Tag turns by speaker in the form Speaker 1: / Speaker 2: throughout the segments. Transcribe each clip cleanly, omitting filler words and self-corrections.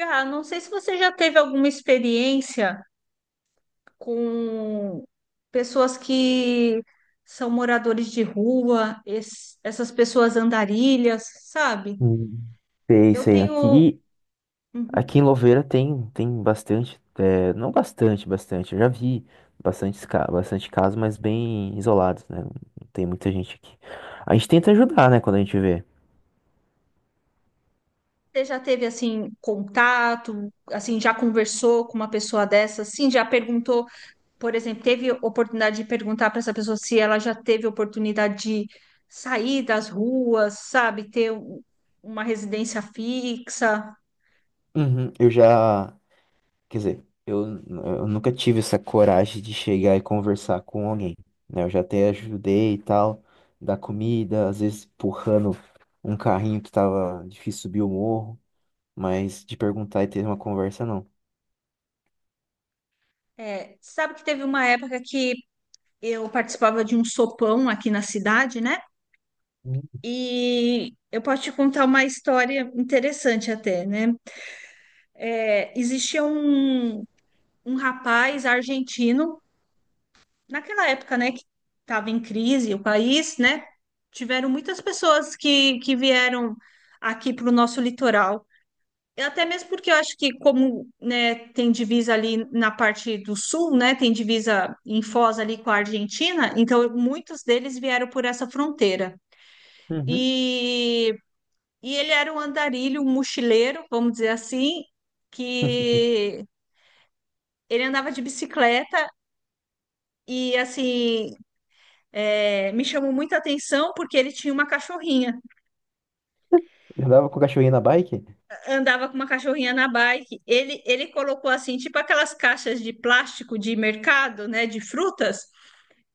Speaker 1: Ah, não sei se você já teve alguma experiência com pessoas que são moradores de rua, essas pessoas andarilhas, sabe?
Speaker 2: Hum. Sei,
Speaker 1: Eu
Speaker 2: sei.
Speaker 1: tenho.
Speaker 2: Aqui,
Speaker 1: Uhum.
Speaker 2: aqui em Louveira tem, tem bastante, é, não bastante, bastante. Eu já vi bastante, bastante casos, mas bem isolados, né? Não tem muita gente aqui. A gente tenta ajudar, né, quando a gente vê.
Speaker 1: Você já teve assim contato, assim já conversou com uma pessoa dessa, assim já perguntou, por exemplo, teve oportunidade de perguntar para essa pessoa se ela já teve oportunidade de sair das ruas, sabe, ter uma residência fixa?
Speaker 2: Uhum, eu já, quer dizer, eu nunca tive essa coragem de chegar e conversar com alguém, né? Eu já até ajudei e tal, dar comida, às vezes empurrando um carrinho que tava difícil subir o morro, mas de perguntar e ter uma conversa, não.
Speaker 1: Sabe que teve uma época que eu participava de um sopão aqui na cidade, né? E eu posso te contar uma história interessante até, né? Existia um rapaz argentino, naquela época, né, que estava em crise o país, né? Tiveram muitas pessoas que vieram aqui para o nosso litoral. Até mesmo porque eu acho que como, né, tem divisa ali na parte do sul, né, tem divisa em Foz ali com a Argentina, então muitos deles vieram por essa fronteira.
Speaker 2: Uhum.
Speaker 1: E, e ele era um andarilho, um mochileiro, vamos dizer assim, que ele andava de bicicleta e, assim, me chamou muita atenção porque ele tinha uma cachorrinha.
Speaker 2: Ele andava com o cachorrinho na bike?
Speaker 1: Andava com uma cachorrinha na bike. Ele colocou, assim, tipo aquelas caixas de plástico de mercado, né, de frutas.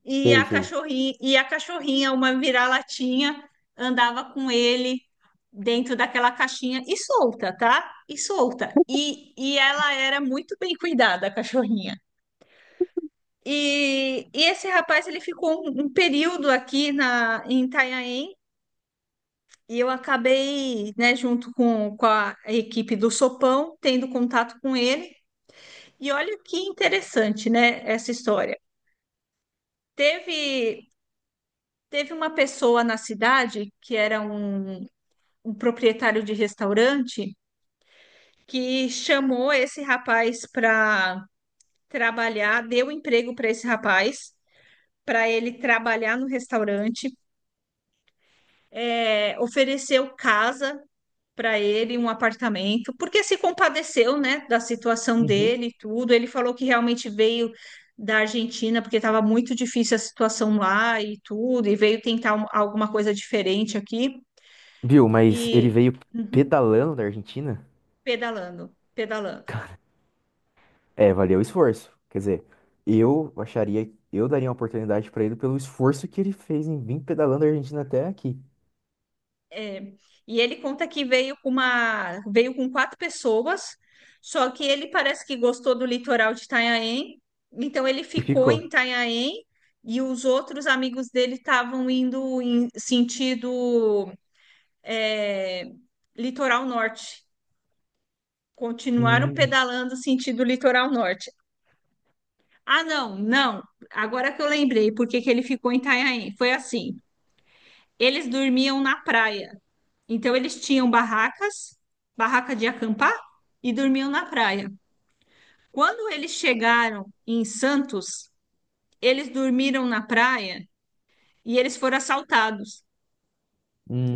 Speaker 1: e
Speaker 2: Sei,
Speaker 1: a
Speaker 2: sei.
Speaker 1: cachorrinha, e a cachorrinha, uma vira-latinha, andava com ele dentro daquela caixinha e solta, tá? E solta. E ela era muito bem cuidada, a cachorrinha. E esse rapaz, ele ficou um período aqui na, em Itanhaém, e eu acabei, né, junto com a equipe do Sopão, tendo contato com ele. E olha que interessante, né, essa história. Teve, teve uma pessoa na cidade que era um proprietário de restaurante que chamou esse rapaz para trabalhar, deu emprego para esse rapaz, para ele trabalhar no restaurante, ofereceu casa para ele, um apartamento, porque se compadeceu, né, da situação
Speaker 2: Uhum.
Speaker 1: dele e tudo. Ele falou que realmente veio da Argentina porque estava muito difícil a situação lá e tudo, e veio tentar alguma coisa diferente aqui
Speaker 2: Viu, mas ele
Speaker 1: e
Speaker 2: veio
Speaker 1: Uhum.
Speaker 2: pedalando da Argentina?
Speaker 1: Pedalando, pedalando.
Speaker 2: É, valeu o esforço. Quer dizer, eu daria uma oportunidade pra ele pelo esforço que ele fez em vir pedalando da Argentina até aqui.
Speaker 1: É, e ele conta que veio com quatro pessoas, só que ele parece que gostou do litoral de Itanhaém, então ele
Speaker 2: E
Speaker 1: ficou em
Speaker 2: ficou.
Speaker 1: Itanhaém e os outros amigos dele estavam indo em sentido é, litoral norte, continuaram
Speaker 2: Hum.
Speaker 1: pedalando sentido litoral norte. Ah, não, não. Agora que eu lembrei por que que ele ficou em Itanhaém, foi assim. Eles dormiam na praia. Então eles tinham barracas, barraca de acampar e dormiam na praia. Quando eles chegaram em Santos, eles dormiram na praia e eles foram assaltados.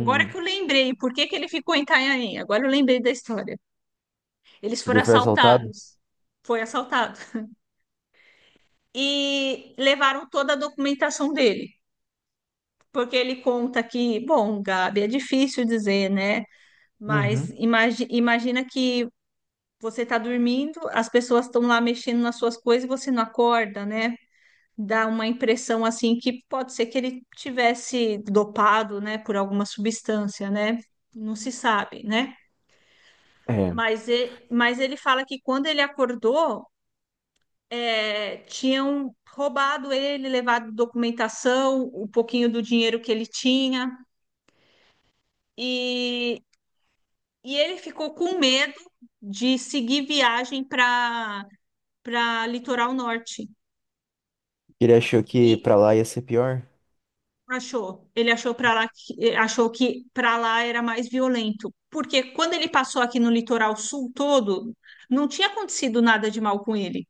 Speaker 1: Agora que eu lembrei, por que que ele ficou em Itanhaém? Agora eu lembrei da história. Eles
Speaker 2: porque
Speaker 1: foram
Speaker 2: foi assaltado?
Speaker 1: assaltados. Foi assaltado. E levaram toda a documentação dele. Porque ele conta que, bom, Gabi, é difícil dizer, né? Mas
Speaker 2: Uhum.
Speaker 1: imagina que você está dormindo, as pessoas estão lá mexendo nas suas coisas e você não acorda, né? Dá uma impressão assim que pode ser que ele tivesse dopado, né, por alguma substância, né? Não se sabe, né?
Speaker 2: É.
Speaker 1: Mas ele fala que quando ele acordou, tinham roubado ele, levado documentação, o pouquinho do dinheiro que ele tinha, e, e ele ficou com medo de seguir viagem para Litoral Norte.
Speaker 2: Ele achou que
Speaker 1: E
Speaker 2: pra lá ia ser pior?
Speaker 1: achou. Ele achou que para lá era mais violento, porque quando ele passou aqui no litoral sul todo, não tinha acontecido nada de mal com ele.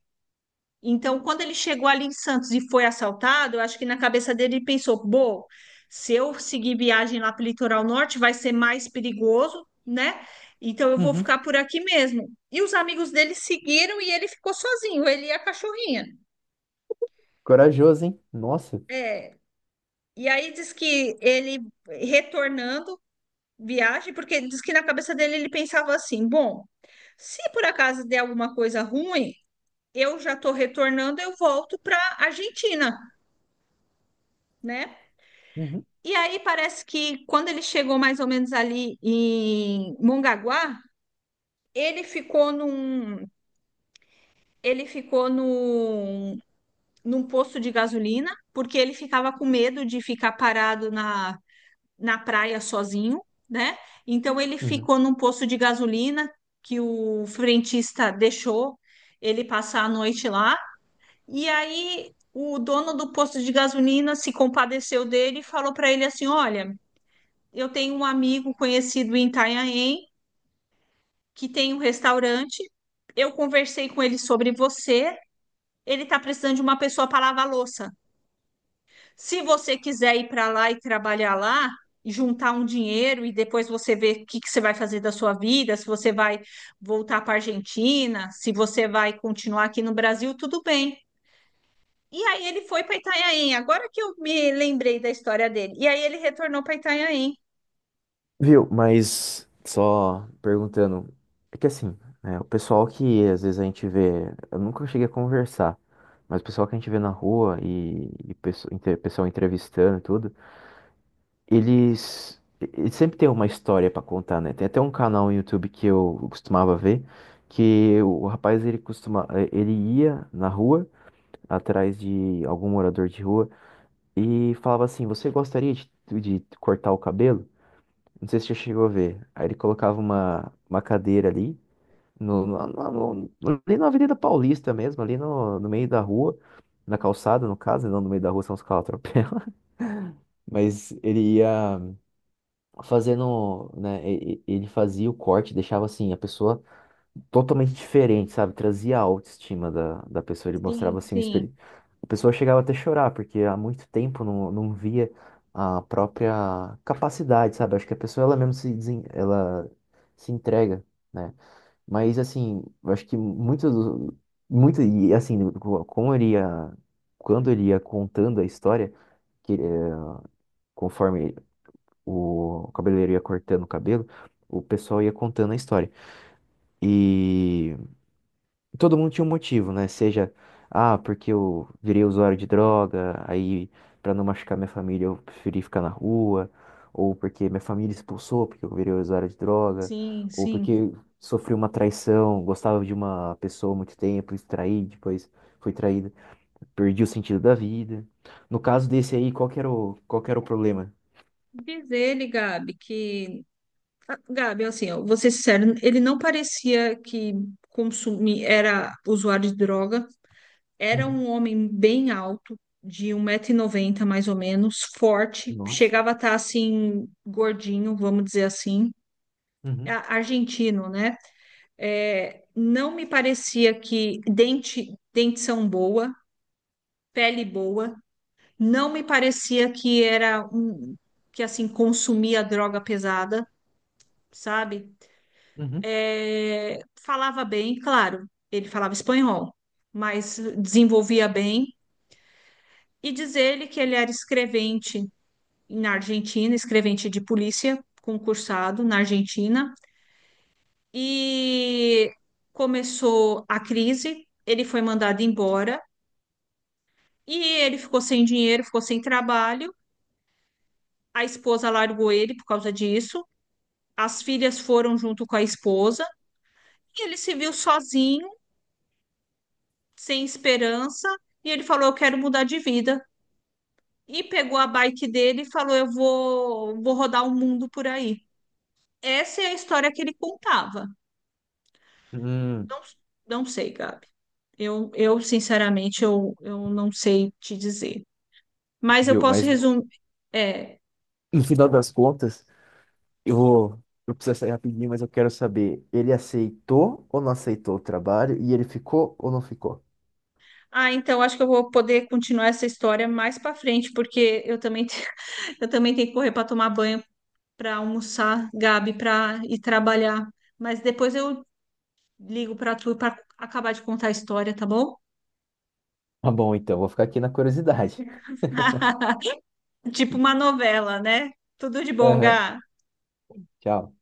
Speaker 1: Então, quando ele chegou ali em Santos e foi assaltado, eu acho que na cabeça dele ele pensou: "Bom, se eu seguir viagem lá para o litoral norte, vai ser mais perigoso, né? Então eu vou
Speaker 2: Uhum.
Speaker 1: ficar por aqui mesmo". E os amigos dele seguiram e ele ficou sozinho, ele e a cachorrinha.
Speaker 2: Corajoso, hein? Nossa.
Speaker 1: É. E aí diz que ele retornando viagem, porque diz que na cabeça dele ele pensava assim: bom, se por acaso der alguma coisa ruim, eu já estou retornando, eu volto para Argentina, né?
Speaker 2: Uhum.
Speaker 1: E aí parece que quando ele chegou mais ou menos ali em Mongaguá, ele ficou ele ficou num, num posto de gasolina, porque ele ficava com medo de ficar parado na praia sozinho, né? Então ele
Speaker 2: Uhum.
Speaker 1: ficou num posto de gasolina que o frentista deixou ele passar a noite lá. E aí o dono do posto de gasolina se compadeceu dele e falou para ele assim: "Olha, eu tenho um amigo conhecido em Itanhaém que tem um restaurante. Eu conversei com ele sobre você. Ele está precisando de uma pessoa para lavar louça. Se você quiser ir para lá e trabalhar lá, juntar um dinheiro e depois você ver o que que você vai fazer da sua vida, se você vai voltar para a Argentina, se você vai continuar aqui no Brasil, tudo bem. E aí ele foi para Itanhaém, agora que eu me lembrei da história dele. E aí ele retornou para Itanhaém.
Speaker 2: Viu? Mas só perguntando, é que assim, né, o pessoal que às vezes a gente vê, eu nunca cheguei a conversar, mas o pessoal que a gente vê na rua pessoal entrevistando e tudo, eles sempre têm uma história pra contar, né? Tem até um canal no YouTube que eu costumava ver, que o rapaz ele costuma, ele ia na rua atrás de algum morador de rua e falava assim: "Você gostaria de cortar o cabelo?" Não sei se você chegou a ver. Aí ele colocava uma cadeira ali, no, no, no- ali na Avenida Paulista mesmo, ali no meio da rua, na calçada, no caso, né? Não no meio da rua, são os caras atropelam. Mas ele ia fazendo, né? Ele fazia o corte, deixava assim a pessoa totalmente diferente, sabe? Trazia a autoestima da pessoa, ele
Speaker 1: Sim,
Speaker 2: mostrava assim um
Speaker 1: sim,
Speaker 2: espelho. A pessoa chegava até a chorar, porque há muito tempo não via a própria capacidade, sabe? Acho que a pessoa ela mesmo se desen... ela se entrega, né? Mas assim, eu acho que muito do- muito e assim, co- como ele ia quando ele ia contando a história, que conforme o cabeleireiro ia cortando o cabelo, o pessoal ia contando a história. E todo mundo tinha um motivo, né? Seja, ah, porque eu virei usuário de droga, aí pra não machucar minha família eu preferi ficar na rua, ou porque minha família expulsou porque eu virei usuário de droga,
Speaker 1: sim,
Speaker 2: ou
Speaker 1: sim.
Speaker 2: porque sofri uma traição, gostava de uma pessoa há muito tempo, e traí, depois fui traída, perdi o sentido da vida. No caso desse aí, qual que era o problema?
Speaker 1: Diz ele, Gabi, que. Ah, Gabi, assim, ó, vou ser sincero, ele não parecia que era usuário de droga. Era
Speaker 2: Uhum.
Speaker 1: um homem bem alto, de um metro e noventa mais ou menos, forte,
Speaker 2: Nossa.
Speaker 1: chegava a estar assim, gordinho, vamos dizer assim,
Speaker 2: Uhum.
Speaker 1: A- argentino, né? Não me parecia que dentição boa, pele boa, não me parecia que era um que assim consumia droga pesada, sabe?
Speaker 2: Uhum.
Speaker 1: Falava bem, claro, ele falava espanhol, mas desenvolvia bem. E diz ele que ele era escrevente na Argentina, escrevente de polícia, concursado na Argentina, e começou a crise. Ele foi mandado embora e ele ficou sem dinheiro, ficou sem trabalho. A esposa largou ele por causa disso. As filhas foram junto com a esposa e ele se viu sozinho, sem esperança. E ele falou: eu quero mudar de vida. E pegou a bike dele e falou: Eu vou rodar o mundo por aí. Essa é a história que ele contava.
Speaker 2: Hum,
Speaker 1: Não, não sei, Gabi. Eu sinceramente, eu não sei te dizer. Mas eu
Speaker 2: viu?
Speaker 1: posso
Speaker 2: Mas
Speaker 1: resumir. É.
Speaker 2: no final das contas, eu vou, eu preciso sair rapidinho, mas eu quero saber, ele aceitou ou não aceitou o trabalho e ele ficou ou não ficou?
Speaker 1: Ah, então acho que eu vou poder continuar essa história mais para frente, porque eu também, eu também tenho que correr para tomar banho, para almoçar, Gabi, para ir trabalhar. Mas depois eu ligo para tu para acabar de contar a história, tá bom?
Speaker 2: Tá bom, então, vou ficar aqui na curiosidade.
Speaker 1: Tipo uma novela, né? Tudo de bom,
Speaker 2: Aham.
Speaker 1: Gá.
Speaker 2: Tchau.